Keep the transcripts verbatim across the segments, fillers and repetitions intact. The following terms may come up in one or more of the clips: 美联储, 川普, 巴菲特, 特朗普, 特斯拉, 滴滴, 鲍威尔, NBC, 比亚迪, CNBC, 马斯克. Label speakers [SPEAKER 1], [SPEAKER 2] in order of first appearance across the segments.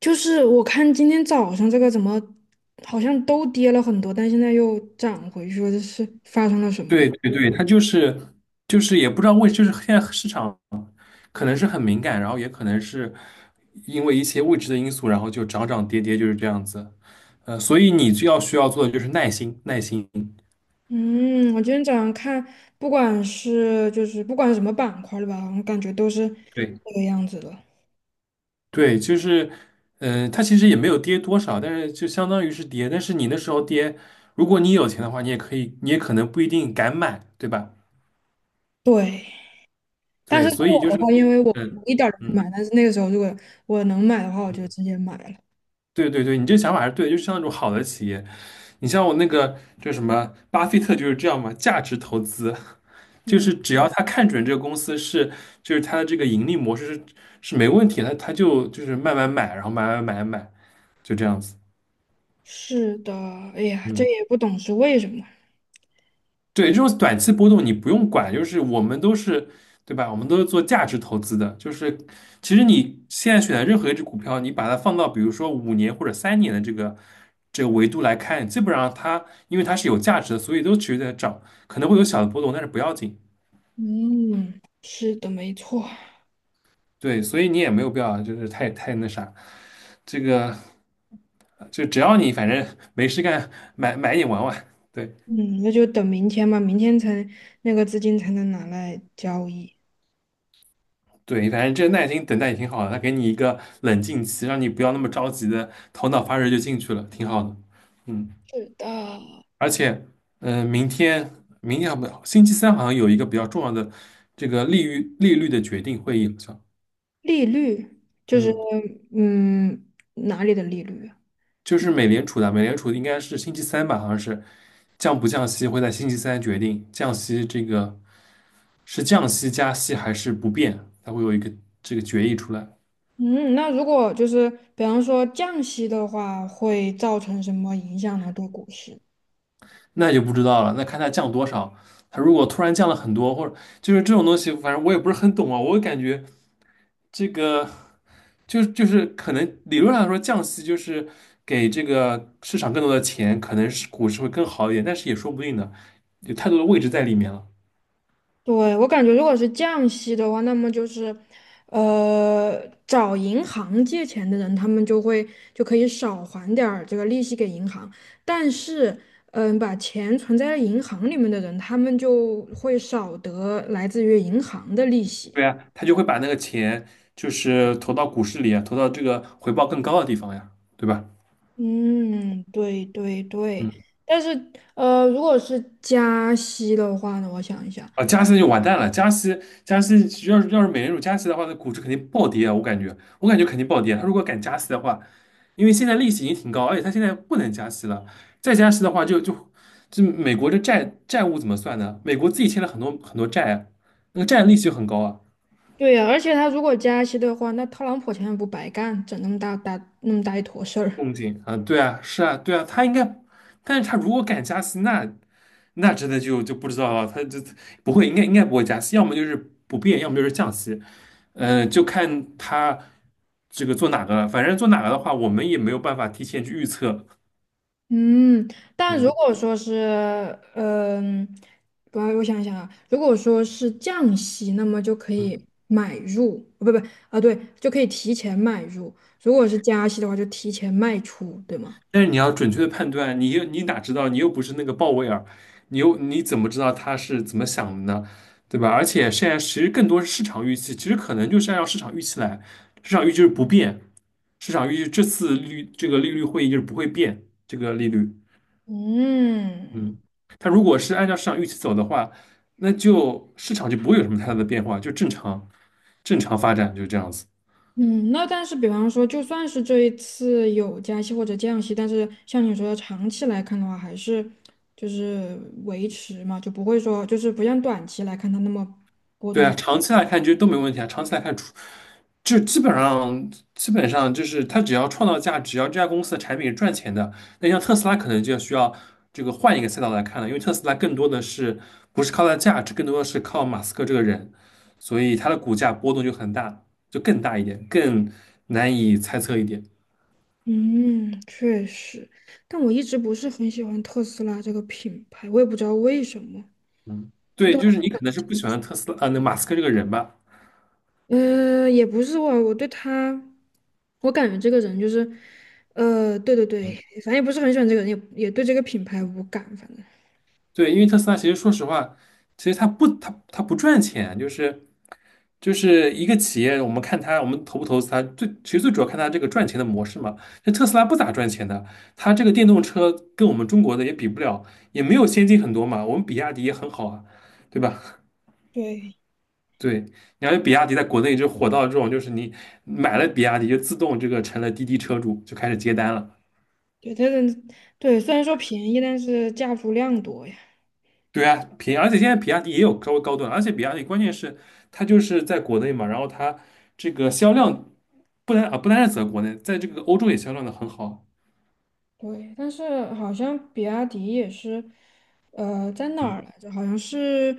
[SPEAKER 1] 就是我看今天早上这个怎么好像都跌了很多，但现在又涨回去了，这是发生了什么呀？
[SPEAKER 2] 对对对，它就是就是也不知道为，就是现在市场可能是很敏感，然后也可能是因为一些未知的因素，然后就涨涨跌跌就是这样子。呃，所以你就要需要做的就是耐心，耐心。
[SPEAKER 1] 嗯，我今天早上看，不管是就是不管什么板块的吧，我感觉都是
[SPEAKER 2] 对
[SPEAKER 1] 这个样子的。
[SPEAKER 2] 对，就是，呃，它其实也没有跌多少，但是就相当于是跌。但是你那时候跌，如果你有钱的话，你也可以，你也可能不一定敢买，对吧？
[SPEAKER 1] 对，但
[SPEAKER 2] 对，
[SPEAKER 1] 是是
[SPEAKER 2] 所以
[SPEAKER 1] 我
[SPEAKER 2] 就
[SPEAKER 1] 的
[SPEAKER 2] 是，
[SPEAKER 1] 话，因为我
[SPEAKER 2] 嗯
[SPEAKER 1] 我一点儿都没
[SPEAKER 2] 嗯
[SPEAKER 1] 买，但是那个时候如果我能买的话，我就
[SPEAKER 2] 嗯。
[SPEAKER 1] 直接买了。
[SPEAKER 2] 对对对，你这个想法还是对的，就是像那种好的企业，你像我那个就什么巴菲特就是这样嘛，价值投资就是只要他看准这个公司是，就是他的这个盈利模式是是没问题的，他他就就是慢慢买，然后买买买买，就这样子。
[SPEAKER 1] 是的，哎呀，这
[SPEAKER 2] 嗯
[SPEAKER 1] 也不懂是为什么。
[SPEAKER 2] 对，这种短期波动你不用管，就是我们都是，对吧？我们都是做价值投资的，就是其实你现在选的任何一只股票，你把它放到比如说五年或者三年的这个这个维度来看，基本上它因为它是有价值的，所以都持续在涨，可能会有小的波动，但是不要紧。
[SPEAKER 1] 嗯，是的，没错。
[SPEAKER 2] 对，所以你也没有必要就是太太那啥，这个就只要你反正没事干，买买一点玩玩。对。
[SPEAKER 1] 嗯，那就等明天吧，明天才那个资金才能拿来交易。
[SPEAKER 2] 对，反正这耐心等待也挺好的，他给你一个冷静期，让你不要那么着急的头脑发热就进去了，挺好的。嗯，
[SPEAKER 1] 是的，
[SPEAKER 2] 而且，嗯、明天明天好不，星期三好像有一个比较重要的这个利率利率的决定会议，好像，
[SPEAKER 1] 利率就是。
[SPEAKER 2] 嗯，
[SPEAKER 1] 嗯，哪里的利率啊？
[SPEAKER 2] 就是美联储的，美联储应该是星期三吧，好像是降不降息会在星期三决定，降息这个是降息加息还是不变，它会有一个这个决议出来。
[SPEAKER 1] 嗯，那如果就是比方说降息的话，会造成什么影响呢？对股市？
[SPEAKER 2] 那就不知道了，那看它降多少。它如果突然降了很多，或者就是这种东西，反正我也不是很懂啊。我感觉这个就就是可能理论上来说降息就是给这个市场更多的钱，可能是股市会更好一点，但是也说不定的，有太多的位置在里面了。
[SPEAKER 1] 对，我感觉如果是降息的话，那么就是，呃，找银行借钱的人，他们就会就可以少还点儿这个利息给银行，但是，嗯、把钱存在银行里面的人，他们就会少得来自于银行的利息。
[SPEAKER 2] 对呀，他就会把那个钱就是投到股市里啊，投到这个回报更高的地方呀，对吧？
[SPEAKER 1] 嗯，对对对，
[SPEAKER 2] 嗯。
[SPEAKER 1] 但是，呃，如果是加息的话呢，我想一下，
[SPEAKER 2] 啊，加息就完蛋了。加息，加息，要是要是美联储加息的话，那股市肯定暴跌啊！我感觉，我感觉肯定暴跌。他如果敢加息的话，因为现在利息已经挺高，而且他现在不能加息了，再加息的话就，就就美国的债债务怎么算呢？美国自己欠了很多很多债啊，那个债利息就很高啊。
[SPEAKER 1] 对呀、而且他如果加息的话，那特朗普钱也不白干，整那么大大那么大一坨事儿。
[SPEAKER 2] 动静啊，对啊，是啊，对啊，他应该，但是他如果敢加息，那那真的就就不知道了，他就不会，应该应该不会加息，要么就是不变，要么就是降息。嗯，就看他这个做哪个了。反正做哪个的话，我们也没有办法提前去预测。
[SPEAKER 1] 嗯，但如
[SPEAKER 2] 嗯
[SPEAKER 1] 果说是，嗯、我我想想啊，如果说是降息，那么就可
[SPEAKER 2] 嗯，
[SPEAKER 1] 以买入，哦不不啊，对，就可以提前买入；如果是加息的话，就提前卖出，对吗？
[SPEAKER 2] 但是你要准确的判断，你又你哪知道？你又不是那个鲍威尔，你又你怎么知道他是怎么想的呢？对吧？而且现在其实更多是市场预期，其实可能就是按照市场预期来，市场预期是不变，市场预期这次利率这个利率会议就是不会变这个利率。
[SPEAKER 1] 嗯。
[SPEAKER 2] 嗯，它如果是按照市场预期走的话，那就市场就不会有什么太大的变化，就正常正常发展，就这样子。
[SPEAKER 1] 嗯，那但是比方说，就算是这一次有加息或者降息，但是像你说的长期来看的话，还是就是维持嘛，就不会说就是不像短期来看它那么。
[SPEAKER 2] 对啊，长期来看其实都没问题啊。长期来看，除就基本上基本上就是它只要创造价值，只要这家公司的产品是赚钱的，那像特斯拉可能就要需要这个换一个赛道来看了，因为特斯拉更多的是不是靠它的价值，更多的是靠马斯克这个人，所以它的股价波动就很大，就更大一点，更难以猜测一点。
[SPEAKER 1] 嗯，确实，但我一直不是很喜欢特斯拉这个品牌，我也不知道为什么。
[SPEAKER 2] 嗯
[SPEAKER 1] 就
[SPEAKER 2] 对，
[SPEAKER 1] 的，
[SPEAKER 2] 就是你可能是不喜欢特斯拉啊，那马斯克这个人吧。
[SPEAKER 1] 呃，也不是我，我对他，我感觉这个人就是，呃，对对对，
[SPEAKER 2] 嗯
[SPEAKER 1] 反正也不是很喜欢这个人，也也对这个品牌无感，反正。
[SPEAKER 2] 对，因为特斯拉其实说实话，其实它不它它不赚钱，就是就是一个企业，我们看它我们投不投资它，最其实最主要看它这个赚钱的模式嘛。这特斯拉不咋赚钱的，它这个电动车跟我们中国的也比不了，也没有先进很多嘛。我们比亚迪也很好啊，对吧？
[SPEAKER 1] 对，
[SPEAKER 2] 对，你看比亚迪在国内就火到这种，就是你买了比亚迪就自动这个成了滴滴车主，就开始接单了。
[SPEAKER 1] 对，他的，对，虽然说便宜，但是价足量多呀。
[SPEAKER 2] 对啊，平，而且现在比亚迪也有稍微高端，而且比亚迪关键是它就是在国内嘛，然后它这个销量不单啊不单是在国内，在这个欧洲也销量的很好，
[SPEAKER 1] 对，但是好像比亚迪也是，呃，在哪儿来着？好像是，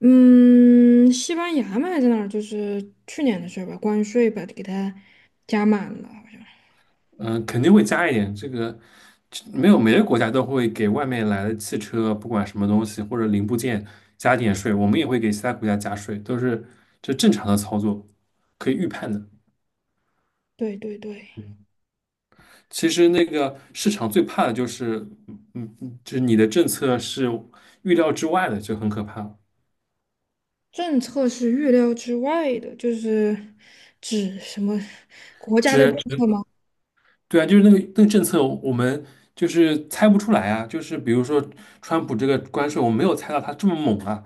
[SPEAKER 1] 嗯，西班牙嘛，还是哪儿？就是去年的事儿吧，关税把给它加满了，好像。
[SPEAKER 2] 嗯、肯定会加一点。这个没有每个国家都会给外面来的汽车，不管什么东西或者零部件加点税，我们也会给其他国家加税，都是这正常的操作，可以预判的。
[SPEAKER 1] 对对对，
[SPEAKER 2] 嗯，其实那个市场最怕的就是，嗯嗯，就是你的政策是预料之外的，就很可怕。
[SPEAKER 1] 政策是预料之外的，就是指什么国家的政
[SPEAKER 2] 只
[SPEAKER 1] 策吗？
[SPEAKER 2] 对啊，就是那个那个政策，我们就是猜不出来啊。就是比如说，川普这个关税，我没有猜到他这么猛啊。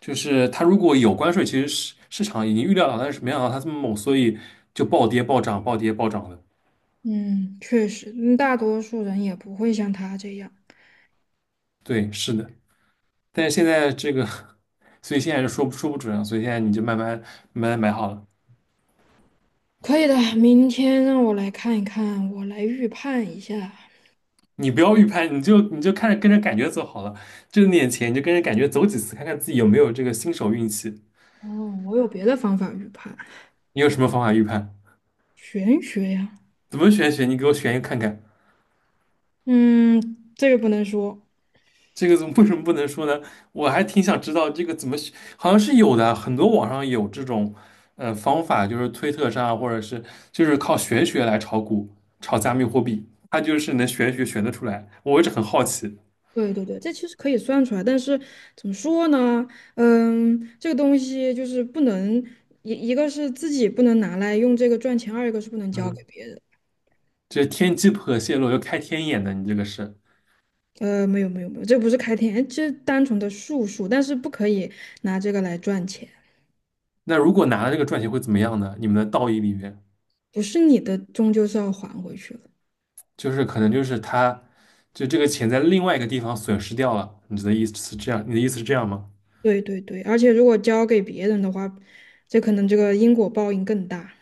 [SPEAKER 2] 就是他如果有关税，其实市市场已经预料到，但是没想到他这么猛，所以就暴跌暴涨，暴跌暴涨的。
[SPEAKER 1] 嗯，确实，嗯大多数人也不会像他这样。
[SPEAKER 2] 对，是的。但是现在这个，所以现在就说不说不准啊。所以现在你就慢慢慢慢买好了，
[SPEAKER 1] 可以的，明天让我来看一看，我来预判一下。
[SPEAKER 2] 你不要预判，你就你就看着跟着感觉走好了。挣点钱你就跟着感觉走几次，看看自己有没有这个新手运气。
[SPEAKER 1] 哦，我有别的方法预判。
[SPEAKER 2] 你有什么方法预判？
[SPEAKER 1] 玄学呀，
[SPEAKER 2] 怎么玄学？你给我选一个看看，
[SPEAKER 1] 嗯，这个不能说。
[SPEAKER 2] 这个怎么为什么不能说呢？我还挺想知道这个怎么选好像是有的，很多网上有这种呃方法，就是推特上或者是就是靠玄学来炒股、炒加密货币，它就是能玄学选得出来。我一直很好奇，
[SPEAKER 1] 对对对，这其实可以算出来，但是怎么说呢？嗯，这个东西就是不能一一个是自己不能拿来用这个赚钱，二一个是不能交给
[SPEAKER 2] 嗯，
[SPEAKER 1] 别人。
[SPEAKER 2] 这天机不可泄露，要开天眼的，你这个是。
[SPEAKER 1] 呃，没有没有没有，这不是开天，这单纯的术数，但是不可以拿这个来赚钱，
[SPEAKER 2] 那如果拿了这个赚钱会怎么样呢？你们的道义里面，
[SPEAKER 1] 不是你的，终究是要还回去了。
[SPEAKER 2] 就是可能就是他就这个钱在另外一个地方损失掉了，你的意思是这样？你的意思是这样吗？
[SPEAKER 1] 对对对，而且如果交给别人的话，这可能这个因果报应更大。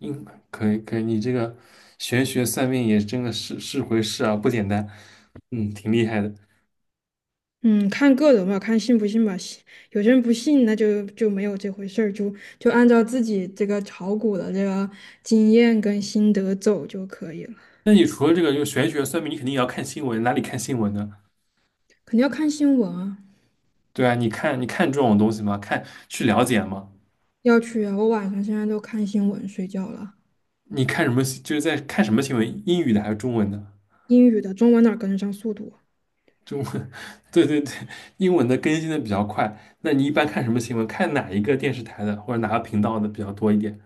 [SPEAKER 2] 嗯，可以可以，你这个玄学算命也真的是是回事啊，不简单，嗯，挺厉害的。
[SPEAKER 1] 嗯，看个人吧，看信不信吧。信有些人不信，那就就没有这回事儿，就就按照自己这个炒股的这个经验跟心得走就可以了。
[SPEAKER 2] 那你除了这个就玄学算命，你肯定也要看新闻，哪里看新闻呢？
[SPEAKER 1] 肯定要看新闻啊，
[SPEAKER 2] 对啊，你看你看这种东西吗？看去了解吗？
[SPEAKER 1] 要去啊。我晚上现在都看新闻睡觉了，
[SPEAKER 2] 你看什么？就是在看什么新闻？英语的还是中文的？
[SPEAKER 1] 英语的、中文哪儿跟得上速度啊。
[SPEAKER 2] 中文，对对对，英文的更新的比较快。那你一般看什么新闻？看哪一个电视台的或者哪个频道的比较多一点？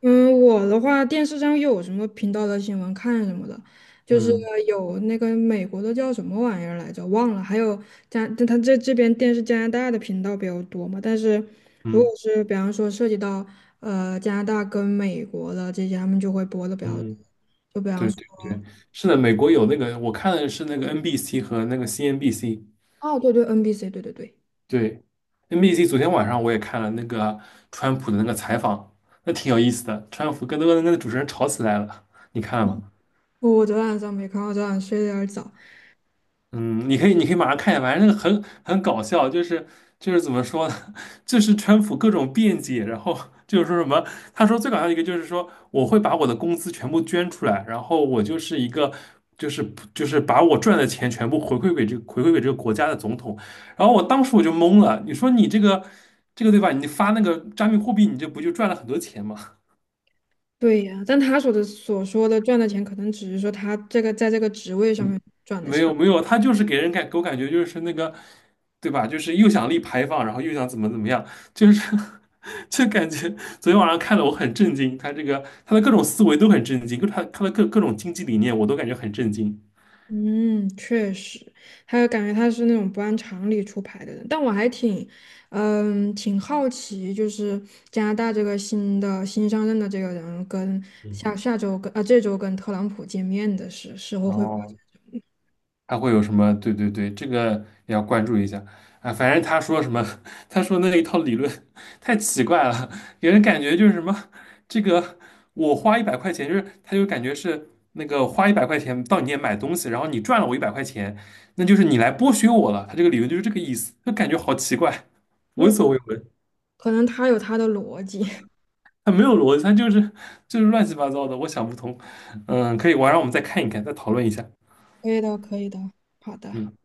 [SPEAKER 1] 嗯，我的话，电视上有什么频道的新闻看什么的，就是
[SPEAKER 2] 嗯
[SPEAKER 1] 有那个美国的叫什么玩意儿来着，忘了，还有加，他这这边电视加拿大的频道比较多嘛，但是如果
[SPEAKER 2] 嗯
[SPEAKER 1] 是比方说涉及到呃加拿大跟美国的这些，他们就会播的比较多，
[SPEAKER 2] 嗯。
[SPEAKER 1] 就比方
[SPEAKER 2] 对
[SPEAKER 1] 说，
[SPEAKER 2] 对对，是的，美国有那个，我看的是那个 N B C 和那个 C N B C。
[SPEAKER 1] 哦，对对，N B C,对对对，
[SPEAKER 2] 对，N B C 昨天晚上我也看了那个川普的那个采访，那挺有意思的。川普跟那个那个主持人吵起来了，你看了吗？
[SPEAKER 1] 我昨晚上没看，我昨晚睡得有点早。
[SPEAKER 2] 嗯，你可以，你可以马上看一下，反正那个很很搞笑，就是就是怎么说呢，就是川普各种辩解，然后就是说什么，他说最搞笑一个就是说我会把我的工资全部捐出来，然后我就是一个就是就是把我赚的钱全部回馈给这个回馈给这个国家的总统，然后我当时我就懵了，你说你这个这个对吧？你发那个加密货币，你这不就赚了很多钱吗？
[SPEAKER 1] 对呀，但他所的所说的赚的钱，可能只是说他这个在这个职位上
[SPEAKER 2] 嗯，
[SPEAKER 1] 面赚的
[SPEAKER 2] 没
[SPEAKER 1] 钱。
[SPEAKER 2] 有没有，他就是给人感给我感觉就是那个，对吧？就是又想立牌坊，然后又想怎么怎么样，就是 就感觉昨天晚上看的我很震惊，他这个他的各种思维都很震惊，各他他的各各种经济理念我都感觉很震惊。
[SPEAKER 1] 嗯，确实，还有感觉他是那种不按常理出牌的人，但我还挺，嗯，挺好奇，就是加拿大这个新的新上任的这个人跟
[SPEAKER 2] 嗯，
[SPEAKER 1] 下下周跟啊、这周跟特朗普见面的时时候会，
[SPEAKER 2] 哦，他会有什么？对对对，这个也要关注一下啊。反正他说什么，他说那一套理论太奇怪了，给人感觉就是什么，这个我花一百块钱，就是他就感觉是那个花一百块钱到你店买东西，然后你赚了我一百块钱，那就是你来剥削我了。他这个理论就是这个意思，就感觉好奇怪，闻
[SPEAKER 1] 嗯，
[SPEAKER 2] 所未闻。
[SPEAKER 1] 可能他有他的逻辑，
[SPEAKER 2] 他没有逻辑，他就是就是乱七八糟的，我想不通。嗯，可以，晚上我们再看一看，再讨论一下。
[SPEAKER 1] 可以的，可以的，好的。
[SPEAKER 2] 嗯。